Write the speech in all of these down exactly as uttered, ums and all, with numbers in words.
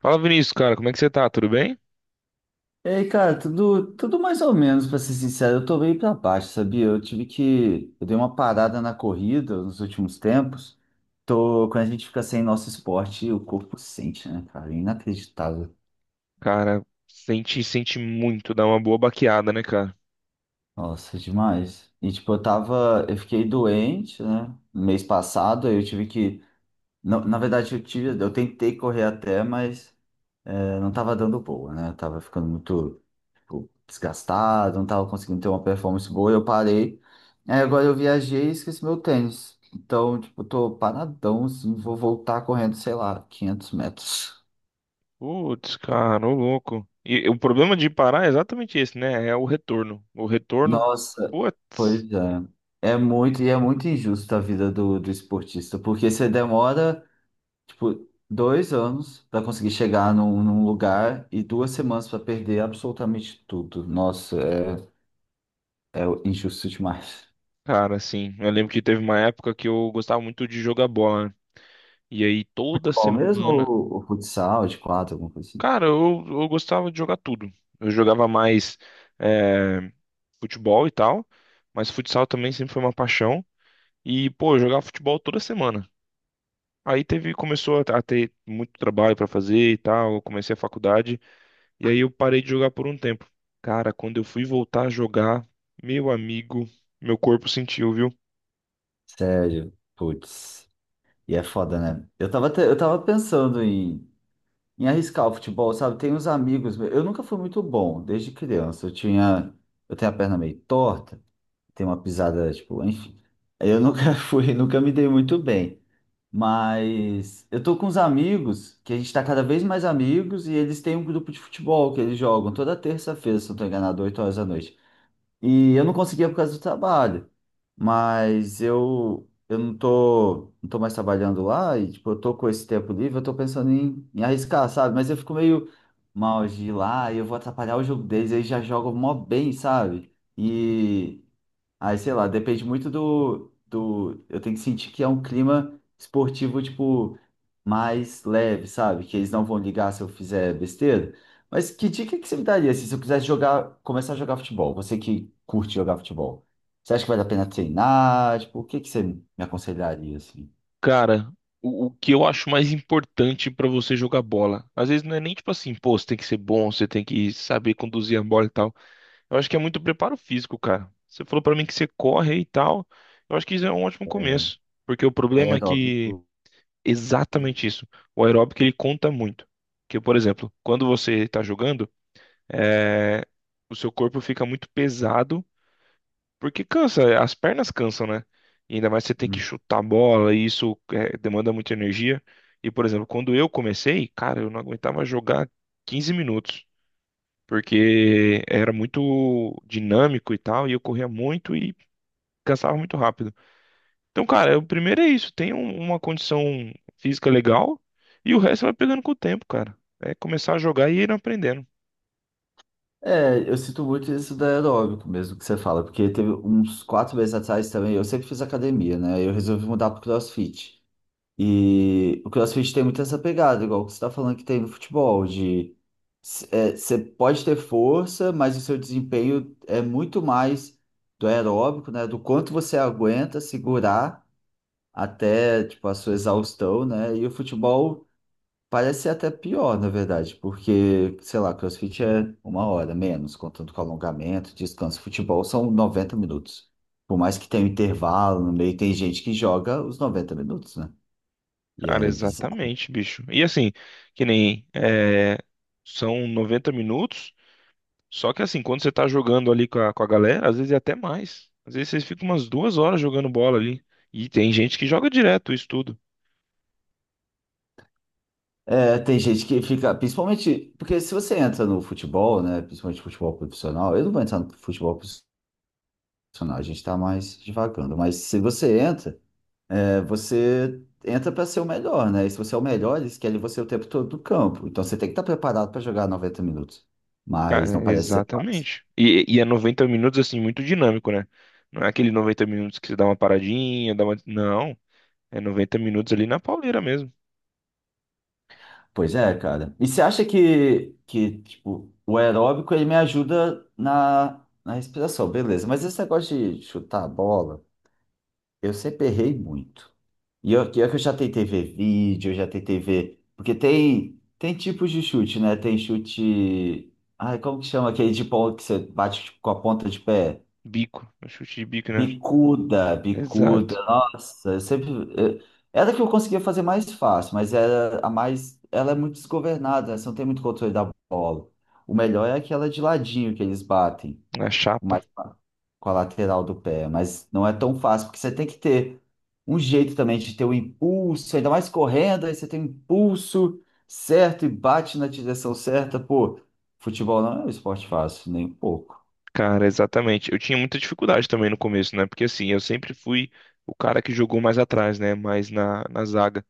Fala, Vinícius, cara, como é que você tá? Tudo bem? E aí, cara, tudo, tudo mais ou menos, pra ser sincero, eu tô meio pra baixo, sabia? Eu tive que, eu dei uma parada na corrida nos últimos tempos. Tô, quando a gente fica sem nosso esporte, o corpo sente, né, cara? É inacreditável. Cara, sente, sente muito, dá uma boa baqueada, né, cara? Nossa, demais. E tipo, eu tava, eu fiquei doente, né? No mês passado, aí eu tive que, na, na verdade, eu tive, eu tentei correr até, mas eh, não tava dando boa, né? Eu tava ficando muito tipo, desgastado, não tava conseguindo ter uma performance boa, eu parei. Aí agora eu viajei e esqueci meu tênis. Então, tipo, tô paradão, assim, vou voltar correndo, sei lá, quinhentos metros. Putz, cara, ô louco. E, o problema de parar é exatamente esse, né? É o retorno. O retorno, Nossa, putz. pois é. É muito, e é muito injusto a vida do, do esportista, porque você demora, tipo, dois anos para conseguir chegar num, num lugar e duas semanas para perder absolutamente tudo. Nossa, é, é injusto demais. Cara, assim, eu lembro que teve uma época que eu gostava muito de jogar bola, e aí toda Bom, mesmo semana. o, o futsal de quatro, alguma coisa assim. Cara, eu, eu gostava de jogar tudo. Eu jogava mais é, futebol e tal, mas futsal também sempre foi uma paixão. E, pô, eu jogava futebol toda semana. Aí teve, começou a a ter muito trabalho pra fazer e tal. Eu comecei a faculdade. E aí eu parei de jogar por um tempo. Cara, quando eu fui voltar a jogar, meu amigo, meu corpo sentiu, viu? Sério, putz. E é foda, né? Eu tava, até- eu tava pensando em, em arriscar o futebol, sabe? Tem uns amigos. Eu nunca fui muito bom desde criança. Eu tinha. Eu tenho a perna meio torta, tenho uma pisada, tipo, enfim. Eu nunca fui, nunca me dei muito bem. Mas eu tô com uns amigos que a gente tá cada vez mais amigos e eles têm um grupo de futebol que eles jogam toda terça-feira, se não tô enganado, oito horas da noite. E eu não conseguia por causa do trabalho. Mas eu, eu não tô, não tô mais trabalhando lá e, tipo, eu tô com esse tempo livre, eu tô pensando em, em arriscar, sabe? Mas eu fico meio mal de ir lá e eu vou atrapalhar o jogo deles, eles já jogam mó bem, sabe? E aí, sei lá, depende muito do, do. Eu tenho que sentir que é um clima esportivo, tipo, mais leve, sabe? Que eles não vão ligar se eu fizer besteira. Mas que dica que você me daria assim, se eu quisesse jogar, começar a jogar futebol? Você que curte jogar futebol. Você acha que vale a pena treinar? Tipo, o que que você me aconselharia, assim? Cara, o, o que eu acho mais importante pra você jogar bola? Às vezes não é nem tipo assim, pô, você tem que ser bom, você tem que saber conduzir a bola e tal. Eu acho que é muito preparo físico, cara. Você falou pra mim que você corre e tal. Eu acho que isso é um ótimo começo, porque o problema é que Aeróbico. exatamente isso. O aeróbico ele conta muito. Porque, por exemplo, quando você tá jogando, é, o seu corpo fica muito pesado porque cansa, é, as pernas cansam, né? E ainda mais você tem que Hum. chutar a bola, e isso é, demanda muita energia. E, por exemplo, quando eu comecei, cara, eu não aguentava jogar quinze minutos, porque era muito dinâmico e tal, e eu corria muito e cansava muito rápido. Então, cara, o primeiro é isso, tem um- uma condição física legal, e o resto vai pegando com o tempo, cara. É começar a jogar e ir aprendendo. É, eu sinto muito isso da aeróbico mesmo que você fala, porque teve uns quatro meses atrás também, eu sempre fiz academia, né? Eu resolvi mudar pro CrossFit. E o CrossFit tem muito essa pegada, igual que você está falando que tem no futebol, de você pode ter força, mas o seu desempenho é muito mais do aeróbico, né? Do quanto você aguenta segurar até tipo, a sua exaustão, né? E o futebol parece ser até pior, na verdade, porque, sei lá, CrossFit é uma hora menos, contando com alongamento, descanso. Futebol são noventa minutos. Por mais que tenha um intervalo no meio, tem gente que joga os noventa minutos, né? E Cara, é bizarro. exatamente, bicho. E assim, que nem, é, são noventa minutos. Só que assim, quando você tá jogando ali com a, com a galera, às vezes é até mais. Às vezes vocês ficam umas duas horas jogando bola ali. E tem gente que joga direto isso tudo. É, tem gente que fica, principalmente, porque se você entra no futebol, né, principalmente futebol profissional, eu não vou entrar no futebol profissional, a gente está mais divagando, mas se você entra, é, você entra para ser o melhor, né? E se você é o melhor, eles querem você o tempo todo no campo. Então você tem que estar preparado para jogar noventa minutos. Cara, Mas não parece ser fácil. exatamente. E, e é noventa minutos, assim, muito dinâmico, né? Não é aquele noventa minutos que você dá uma paradinha, dá uma... Não. É noventa minutos ali na pauleira mesmo. Pois é, cara. E você acha que, que tipo, o aeróbico ele me ajuda na, na respiração, beleza. Mas esse negócio de chutar a bola, eu sempre errei muito. E eu, que eu que eu já tentei ver vídeo, eu já tentei ver. Porque tem, tem tipos de chute, né? Tem chute. Ai, como que chama aquele de bola que você bate tipo, com a ponta de pé? Bico. No chute de bico, né? Bicuda, bicuda. Exato. Nossa, eu sempre. eu- Era a que eu conseguia fazer mais fácil, mas era a mais. Ela é muito desgovernada, né? Você não tem muito controle da bola. O melhor é aquela de ladinho que eles batem. Na Tipo, mais chapa. com a lateral do pé, mas não é tão fácil, porque você tem que ter um jeito também de ter o impulso, ainda mais correndo, aí você tem um impulso certo e bate na direção certa. Pô, futebol não é um esporte fácil, nem um pouco. Cara, exatamente. Eu tinha muita dificuldade também no começo, né? Porque assim, eu sempre fui o cara que jogou mais atrás, né? Mais na, na zaga.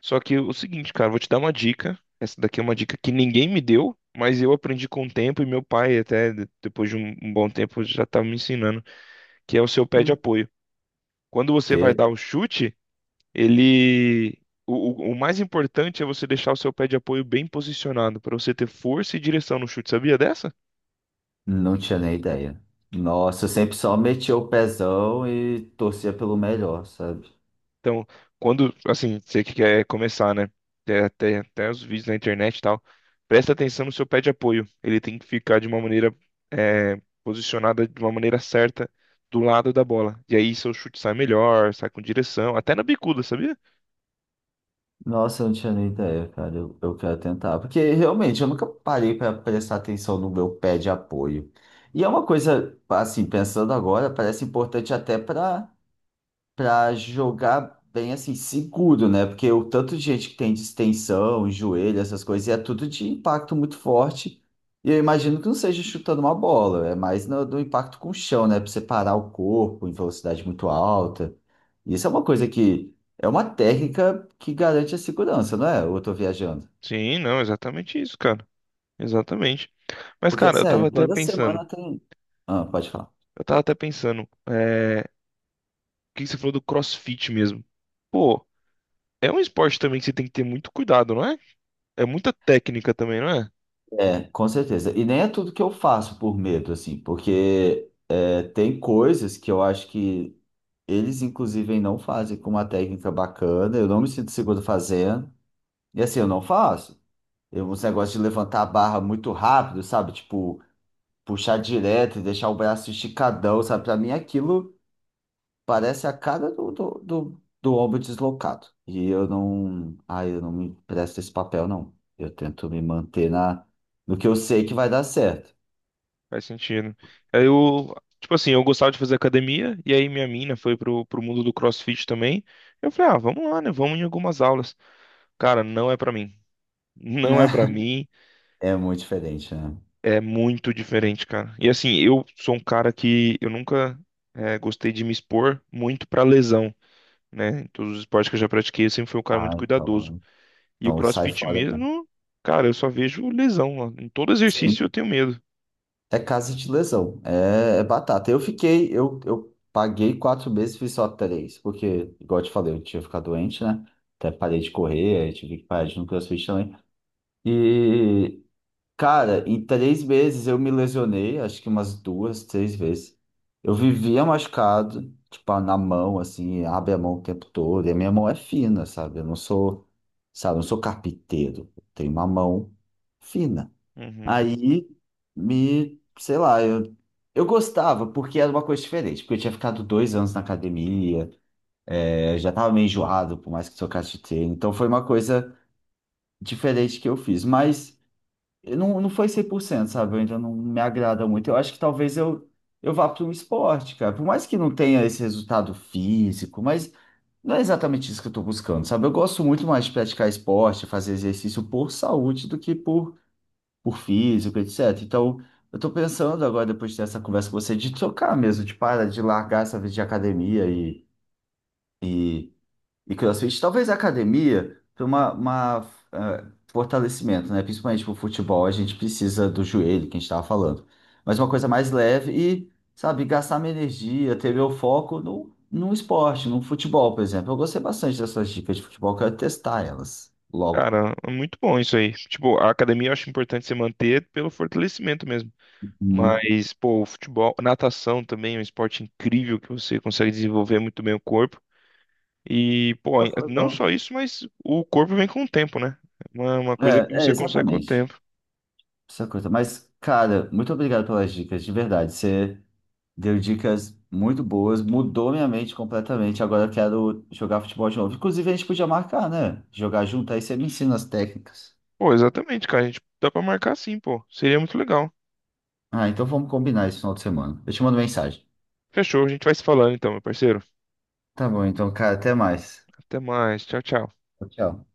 Só que o seguinte, cara, vou te dar uma dica. Essa daqui é uma dica que ninguém me deu, mas eu aprendi com o tempo e meu pai, até de- depois de um, um bom tempo, já estava me ensinando, que é o seu pé de Hum. apoio. Quando você vai Que dar o chute, ele. O, o- o mais importante é você deixar o seu pé de apoio bem posicionado, para você ter força e direção no chute. Sabia dessa? não tinha nem ideia. Nossa, eu sempre só metia o pezão e torcia pelo melhor, sabe? Então, quando, assim, você que quer começar, né? Tem até, até os vídeos na internet e tal. Presta atenção no seu pé de apoio. Ele tem que ficar de uma maneira, é, posicionada de uma maneira certa do lado da bola. E aí seu chute sai melhor, sai com direção, até na bicuda, sabia? Nossa, eu não tinha nem ideia, cara. Eu, eu quero tentar. Porque realmente eu nunca parei para prestar atenção no meu pé de apoio. E é uma coisa, assim, pensando agora, parece importante até para para jogar bem assim, seguro, né? Porque o tanto de gente que tem distensão, joelho, essas coisas, e é tudo de impacto muito forte. E eu imagino que não seja chutando uma bola, é mais no, do impacto com o chão, né? Para separar o corpo em velocidade muito alta. Isso é uma coisa que é uma técnica que garante a segurança, não é? Ou eu tô viajando. Sim, não, exatamente isso, cara. Exatamente. Mas, Porque, cara, eu tava sério, até toda pensando. semana tem. Ah, pode falar. Eu tava até pensando. É, o que que você falou do CrossFit mesmo? Pô, é um esporte também que você tem que ter muito cuidado, não é? É muita técnica também, não é? É, com certeza. E nem é tudo que eu faço por medo, assim, porque é, tem coisas que eu acho que eles, inclusive, não fazem com uma técnica bacana. Eu não me sinto seguro fazendo. E assim, eu não faço. Eu, uns negócios de levantar a barra muito rápido, sabe? Tipo, puxar direto e deixar o braço esticadão, sabe? Pra mim, aquilo parece a cara do, do, do, do ombro deslocado. E eu não. Ai, eu não me presto esse papel, não. Eu tento me manter na, no que eu sei que vai dar certo, Faz sentido. Aí eu, tipo assim, eu gostava de fazer academia, e aí minha mina foi pro, pro mundo do CrossFit também. Eu falei, ah, vamos lá, né? Vamos em algumas aulas. Cara, não é pra mim. né? Não é pra mim. É muito diferente, né? É muito diferente, cara. E assim, eu sou um cara que eu nunca eh, gostei de me expor muito pra lesão, né? Em todos os esportes que eu já pratiquei, eu sempre fui um cara Ah, muito cuidadoso. então. E o Então sai CrossFit fora mesmo. mesmo, cara, eu só vejo lesão lá. Em todo Sim, exercício eu tenho medo. é caso de lesão, é, é batata. Eu fiquei, eu, eu paguei quatro meses, e fiz só três, porque, igual eu te falei, eu tinha ficado doente, né? Até parei de correr, aí tive que parar de ir no CrossFit também. E, cara, em três meses eu me lesionei, acho que umas duas, três vezes. Eu vivia machucado, tipo, na mão, assim, abre a mão o tempo todo, e a minha mão é fina, sabe? Eu não sou, sabe, eu não sou carpinteiro, eu tenho uma mão fina. Uhum. Aí me, sei lá, eu, eu gostava porque era uma coisa diferente, porque eu tinha ficado dois anos na academia, é, já tava meio enjoado, por mais que trocasse de treino, então foi uma coisa diferente que eu fiz, mas eu não, não foi cem por cento, sabe? Eu ainda não me agrada muito. Eu acho que talvez eu, eu vá para um esporte, cara, por mais que não tenha esse resultado físico, mas não é exatamente isso que eu tô buscando, sabe? Eu gosto muito mais de praticar esporte, fazer exercício por saúde do que por por físico, etcétera. Então, eu tô pensando agora, depois de ter essa conversa com você, de trocar mesmo, de parar de largar essa vida de academia e, e, e CrossFit. Talvez a academia para uma, uma, eh, fortalecimento, né? Principalmente pro futebol, a gente precisa do joelho, que a gente tava falando. Mas uma coisa mais leve e, sabe, gastar minha energia, ter meu foco no, no esporte, no futebol, por exemplo. Eu gostei bastante dessas dicas de futebol, quero testar elas logo. Cara, é muito bom isso aí. Tipo, a academia eu acho importante você manter pelo fortalecimento mesmo. Hum. Mas, pô, o futebol, natação também é um esporte incrível que você consegue desenvolver muito bem o corpo. E, pô, é, Poxa, não legal. só isso, mas o corpo vem com o tempo, né? É Uma, uma coisa que É, é, você consegue com o exatamente. tempo. Essa coisa. Mas, cara, muito obrigado pelas dicas, de verdade. Você deu dicas muito boas, mudou minha mente completamente. Agora eu quero jogar futebol de novo. Inclusive, a gente podia marcar, né? Jogar junto, aí você me ensina as técnicas. Pô, exatamente, cara. A gente dá pra marcar sim, pô. Seria muito legal. Ah, então vamos combinar esse final de semana. Eu te mando mensagem. Fechou, a gente vai se falando então, meu parceiro. Tá bom, então, cara, até mais. Até mais. Tchau, tchau. Tchau.